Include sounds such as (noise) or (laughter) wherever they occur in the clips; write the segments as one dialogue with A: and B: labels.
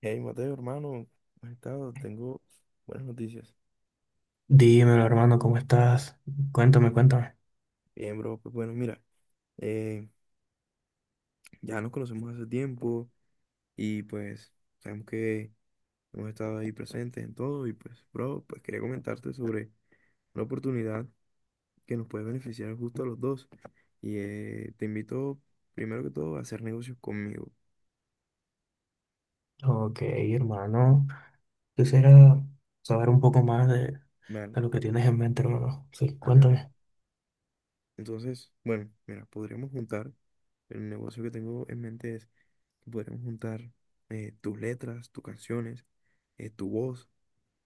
A: Hey, Mateo, hermano, ¿cómo has estado? Tengo buenas noticias.
B: Dímelo, hermano, ¿cómo estás? Cuéntame, cuéntame.
A: Bien, bro, pues bueno, mira, eh, ya nos conocemos hace tiempo y pues sabemos que hemos estado ahí presentes en todo y pues, bro, pues quería comentarte sobre una oportunidad que nos puede beneficiar justo a los dos y te invito primero que todo a hacer negocios conmigo.
B: Ok, hermano. Quisiera saber un poco más de
A: Vale,
B: lo que tienes en mente, hermano. Sí,
A: vale, vale.
B: cuéntame.
A: Entonces, bueno, mira, podríamos juntar, el negocio que tengo en mente es que podríamos juntar tus letras, tus canciones, tu voz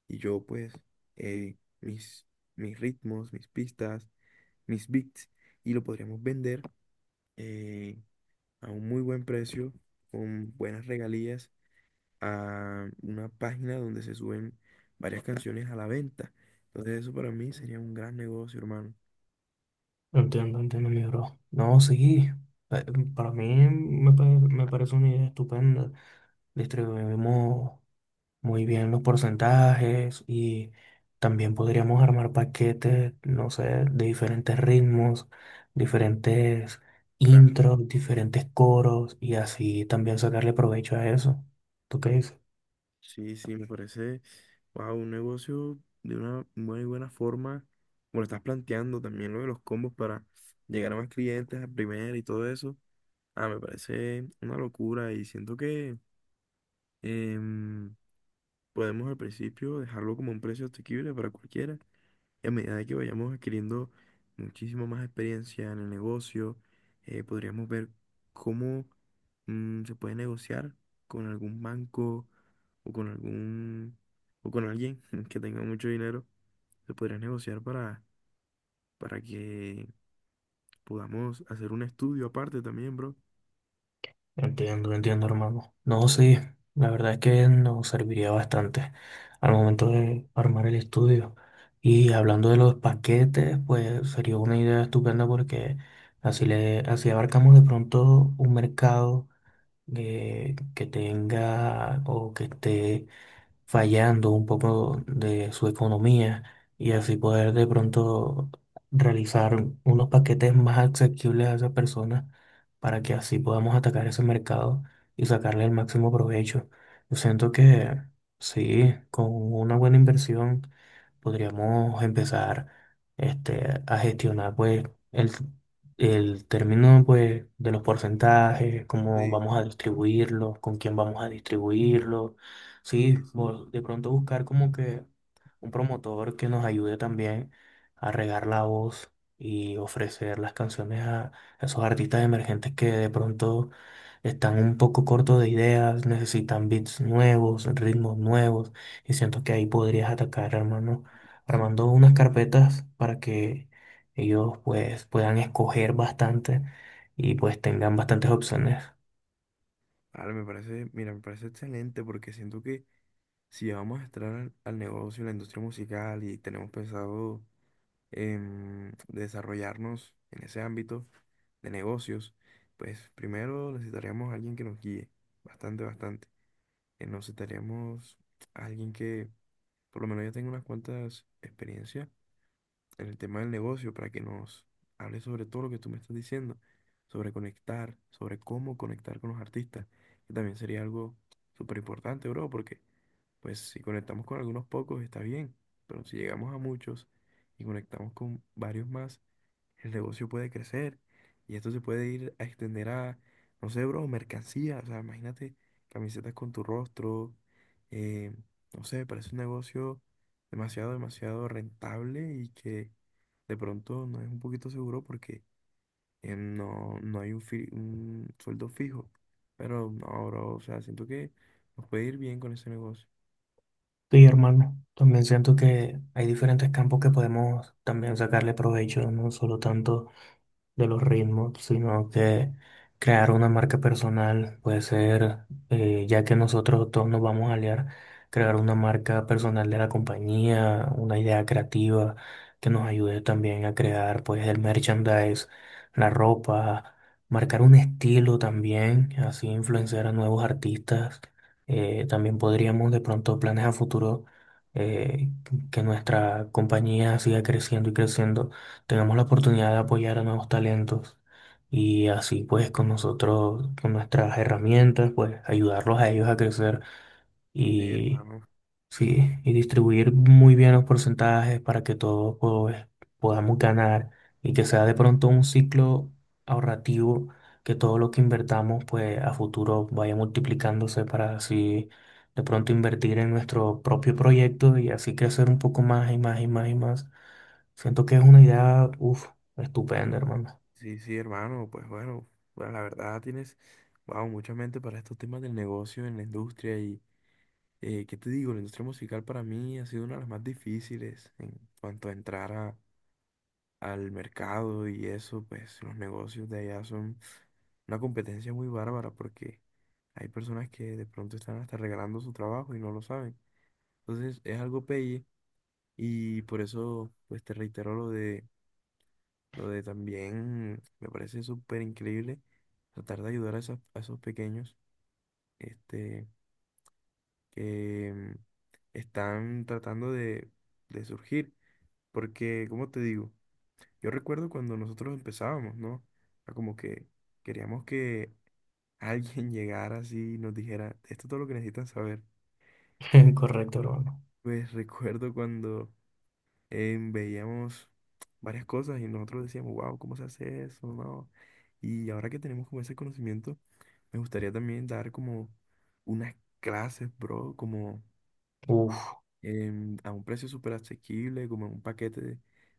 A: y yo pues eh, mis, mis ritmos, mis pistas, mis beats y lo podríamos vender eh, a un muy buen precio, con buenas regalías, a una página donde se suben varias canciones a la venta. Entonces eso para mí sería un gran negocio, hermano.
B: Entiendo, entiendo, mi bro. No, sí. eh, Para mí me parece una idea estupenda. Distribuimos muy bien los porcentajes y también podríamos armar paquetes, no sé, de diferentes ritmos, diferentes intros, diferentes coros y así también sacarle provecho a eso. ¿Tú qué dices?
A: Sí, sí, me parece, wow, un negocio de una muy buena forma, como lo estás planteando también lo de los combos para llegar a más clientes a primera y todo eso. Ah, me parece una locura y siento que em, podemos al principio dejarlo como un precio asequible para cualquiera y a medida de que vayamos adquiriendo muchísimo más experiencia en el negocio, podríamos ver cómo se puede negociar con algún banco o con algún o con alguien (laughs) que tenga mucho dinero. Se podría negociar para que podamos hacer un estudio aparte también, bro.
B: Entiendo, entiendo, hermano. No, sí, la verdad es que nos serviría bastante al momento de armar el estudio. Y hablando de los paquetes, pues sería una idea estupenda porque así abarcamos de pronto un mercado que tenga o que esté fallando un poco de su economía y así poder de pronto realizar unos paquetes más asequibles a esas personas para que así podamos atacar ese mercado y sacarle el máximo provecho. Yo siento que sí, con una buena inversión podríamos empezar este, a gestionar pues el, el término pues de los porcentajes, cómo
A: Sí,
B: vamos a distribuirlos, con quién vamos a distribuirlos. Sí,
A: sí, sí.
B: de pronto buscar como que un promotor que nos ayude también a regar la voz y ofrecer las canciones a esos artistas emergentes que de pronto están un poco cortos de ideas, necesitan beats nuevos, ritmos nuevos, y siento que ahí podrías atacar, hermano,
A: Sí.
B: armando unas carpetas para que ellos pues puedan escoger bastante y pues tengan bastantes opciones.
A: Ahora me parece, mira, me parece excelente porque siento que si vamos a entrar al, al negocio, a la industria musical y tenemos pensado desarrollarnos en ese ámbito de negocios, pues primero necesitaríamos a alguien que nos guíe, bastante, bastante. Necesitaríamos a alguien que por lo menos ya tenga unas cuantas experiencias en el tema del negocio para que nos hable sobre todo lo que tú me estás diciendo, sobre conectar, sobre cómo conectar con los artistas, que también sería algo súper importante, bro, porque... Pues si conectamos con algunos pocos está bien, pero si llegamos a muchos y conectamos con varios más, el negocio puede crecer y esto se puede ir a extender a, no sé, bro, mercancía. O sea, imagínate camisetas con tu rostro. eh, no sé, parece un negocio demasiado, demasiado rentable y que de pronto no es un poquito seguro porque no hay un, un sueldo fijo. Pero no, bro, o sea, siento que nos puede ir bien con ese negocio.
B: Sí, hermano, también siento que hay diferentes campos que podemos también sacarle provecho, no solo tanto de los ritmos, sino que crear una marca personal puede ser, ya que nosotros todos nos vamos a aliar, crear una marca personal de la compañía, una idea creativa que nos ayude también a crear pues el merchandise, la ropa, marcar un estilo también, así influenciar a nuevos artistas. También podríamos de pronto planes a futuro. eh, que nuestra compañía siga creciendo y creciendo, tenemos la oportunidad de apoyar a nuevos talentos y así pues con nosotros, con nuestras herramientas, pues ayudarlos a ellos a crecer
A: Sí,
B: y
A: hermano.
B: sí, y distribuir muy bien los porcentajes para que todos pues, podamos ganar y que sea de pronto un ciclo ahorrativo, que todo lo que invertamos pues a futuro vaya multiplicándose para así de pronto invertir en nuestro propio proyecto y así crecer un poco más y más y más y más. Siento que es una idea, uf, estupenda, hermano.
A: Sí, sí, hermano, pues bueno, bueno, la verdad tienes, wow, mucha mente para estos temas del negocio en la industria y, ¿qué te digo? La industria musical para mí ha sido una de las más difíciles en cuanto a al mercado y eso, pues los negocios de allá son una competencia muy bárbara porque hay personas que de pronto están hasta regalando su trabajo y no lo saben. Entonces es algo pelle y por eso, pues te reitero lo de lo de también, me parece súper increíble tratar de ayudar a, a esos pequeños este, que están tratando de surgir. Porque, como te digo, yo recuerdo cuando nosotros empezábamos, ¿no? Era como que queríamos que alguien (laughs) llegara así y nos dijera, esto es todo lo que necesitan saber.
B: (laughs) Correcto, hermano.
A: Pues recuerdo cuando veíamos varias cosas y nosotros decíamos, wow, ¿cómo se hace eso? No. Y ahora que tenemos como ese conocimiento, me gustaría también dar como unas clases, bro, como
B: Uf,
A: a un precio súper asequible, como en un paquete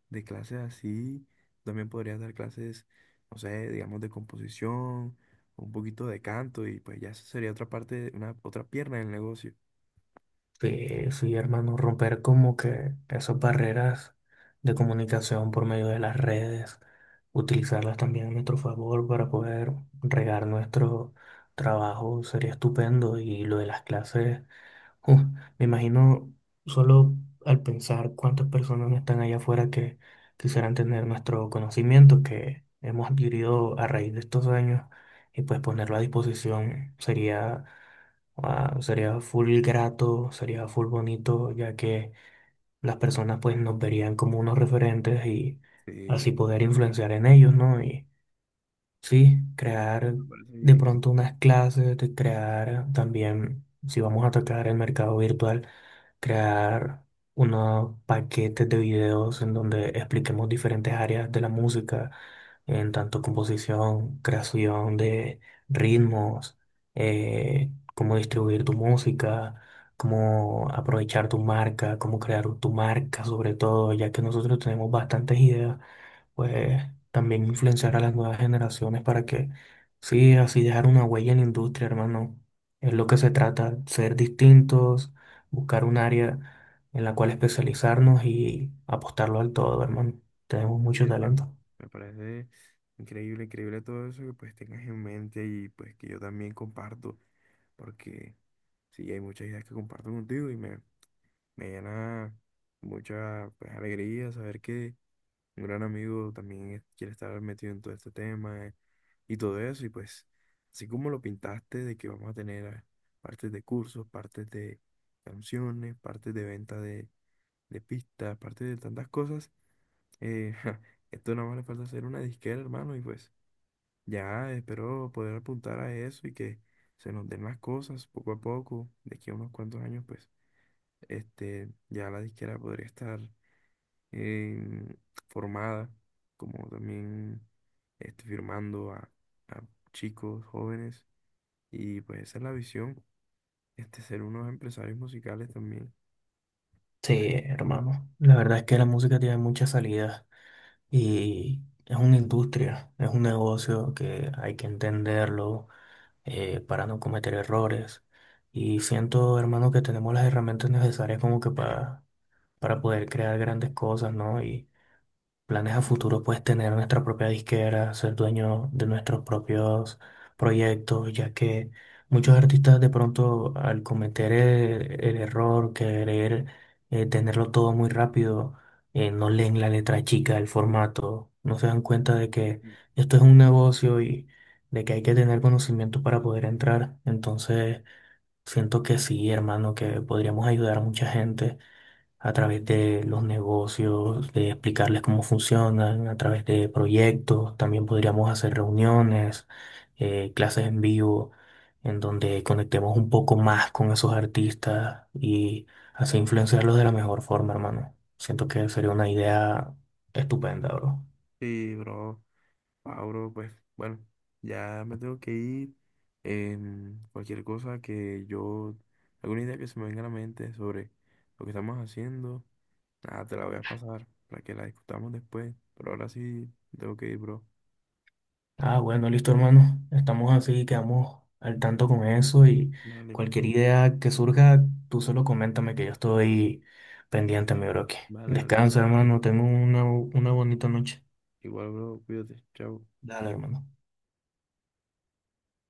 A: de clases así. También podrías dar clases, no sé, digamos de composición, un poquito de canto y pues ya eso sería otra parte, una otra pierna del negocio.
B: sí, sí, hermano, romper como que esas barreras de comunicación por medio de las redes, utilizarlas también a nuestro favor para poder regar nuestro trabajo sería estupendo. Y lo de las clases. Uf, me imagino solo al pensar cuántas personas no están allá afuera que quisieran tener nuestro conocimiento que hemos adquirido a raíz de estos años y pues ponerlo a disposición sería, ah, sería full grato, sería full bonito, ya que las personas pues nos verían como unos referentes y
A: Sí,
B: así poder influenciar en ellos, ¿no? Y sí, crear
A: me parece
B: de
A: bien.
B: pronto unas clases, de crear también, si vamos a atacar el mercado virtual, crear unos paquetes de videos en donde expliquemos diferentes áreas de la música, en tanto composición, creación de ritmos, cómo distribuir tu música, cómo aprovechar tu marca, cómo crear tu marca sobre todo, ya que nosotros tenemos bastantes ideas pues también influenciar a las nuevas generaciones para que, sí, así dejar una huella en la industria, hermano. Es lo que se trata, ser distintos, buscar un área en la cual especializarnos y apostarlo al todo, hermano. Tenemos
A: Sí,
B: mucho
A: hermano,
B: talento.
A: me parece increíble, increíble todo eso que pues tengas en mente y pues que yo también comparto, porque sí, hay muchas ideas que comparto contigo y me llena mucha pues, alegría saber que un gran amigo también quiere estar metido en todo este tema y todo eso y pues así como lo pintaste de que vamos a tener partes de cursos, partes de canciones, partes de venta de pistas, partes de tantas cosas. Ja, esto nada más le falta hacer una disquera, hermano, y pues ya espero poder apuntar a eso y que se nos den las cosas poco a poco. De aquí a unos cuantos años, pues, este, ya la disquera podría estar em, formada, como también este, firmando a chicos jóvenes. Y pues esa es la visión, este, ser unos empresarios musicales también.
B: Sí, hermano. La verdad es que la música tiene muchas salidas y es una industria, es un negocio que hay que entenderlo, para no cometer errores. Y siento, hermano, que tenemos las herramientas necesarias como que para poder crear grandes cosas, ¿no? Y planes a futuro, pues tener nuestra propia disquera, ser dueño de nuestros propios proyectos, ya que muchos artistas de pronto al cometer el error, querer tenerlo todo muy rápido, no leen la letra chica, el formato, no se dan cuenta de que esto es un negocio y de que hay que tener conocimiento para poder entrar. Entonces, siento que sí, hermano, que podríamos ayudar a mucha gente a través de los negocios, de explicarles cómo funcionan, a través de proyectos. También podríamos hacer reuniones, clases en vivo, en donde conectemos un poco más con esos artistas y así influenciarlos de la mejor forma, hermano. Siento que sería una idea estupenda, bro.
A: Sí, bro. Ah, bro, pues bueno, ya me tengo que ir. Cualquier cosa que yo, alguna idea que se me venga a la mente sobre lo que estamos haciendo, nada, te la voy a pasar para que la discutamos después. Pero ahora sí, tengo que ir, bro.
B: Ah, bueno, listo, hermano. Estamos así, quedamos al tanto con eso y
A: Dale.
B: cualquier idea que surja, tú solo coméntame que yo
A: Mm.
B: estoy pendiente, mi bro. Que
A: Vale,
B: Descansa,
A: bro.
B: hermano. Tengo una bonita noche.
A: Igual, bro, cuídate. Chao.
B: Dale, hermano.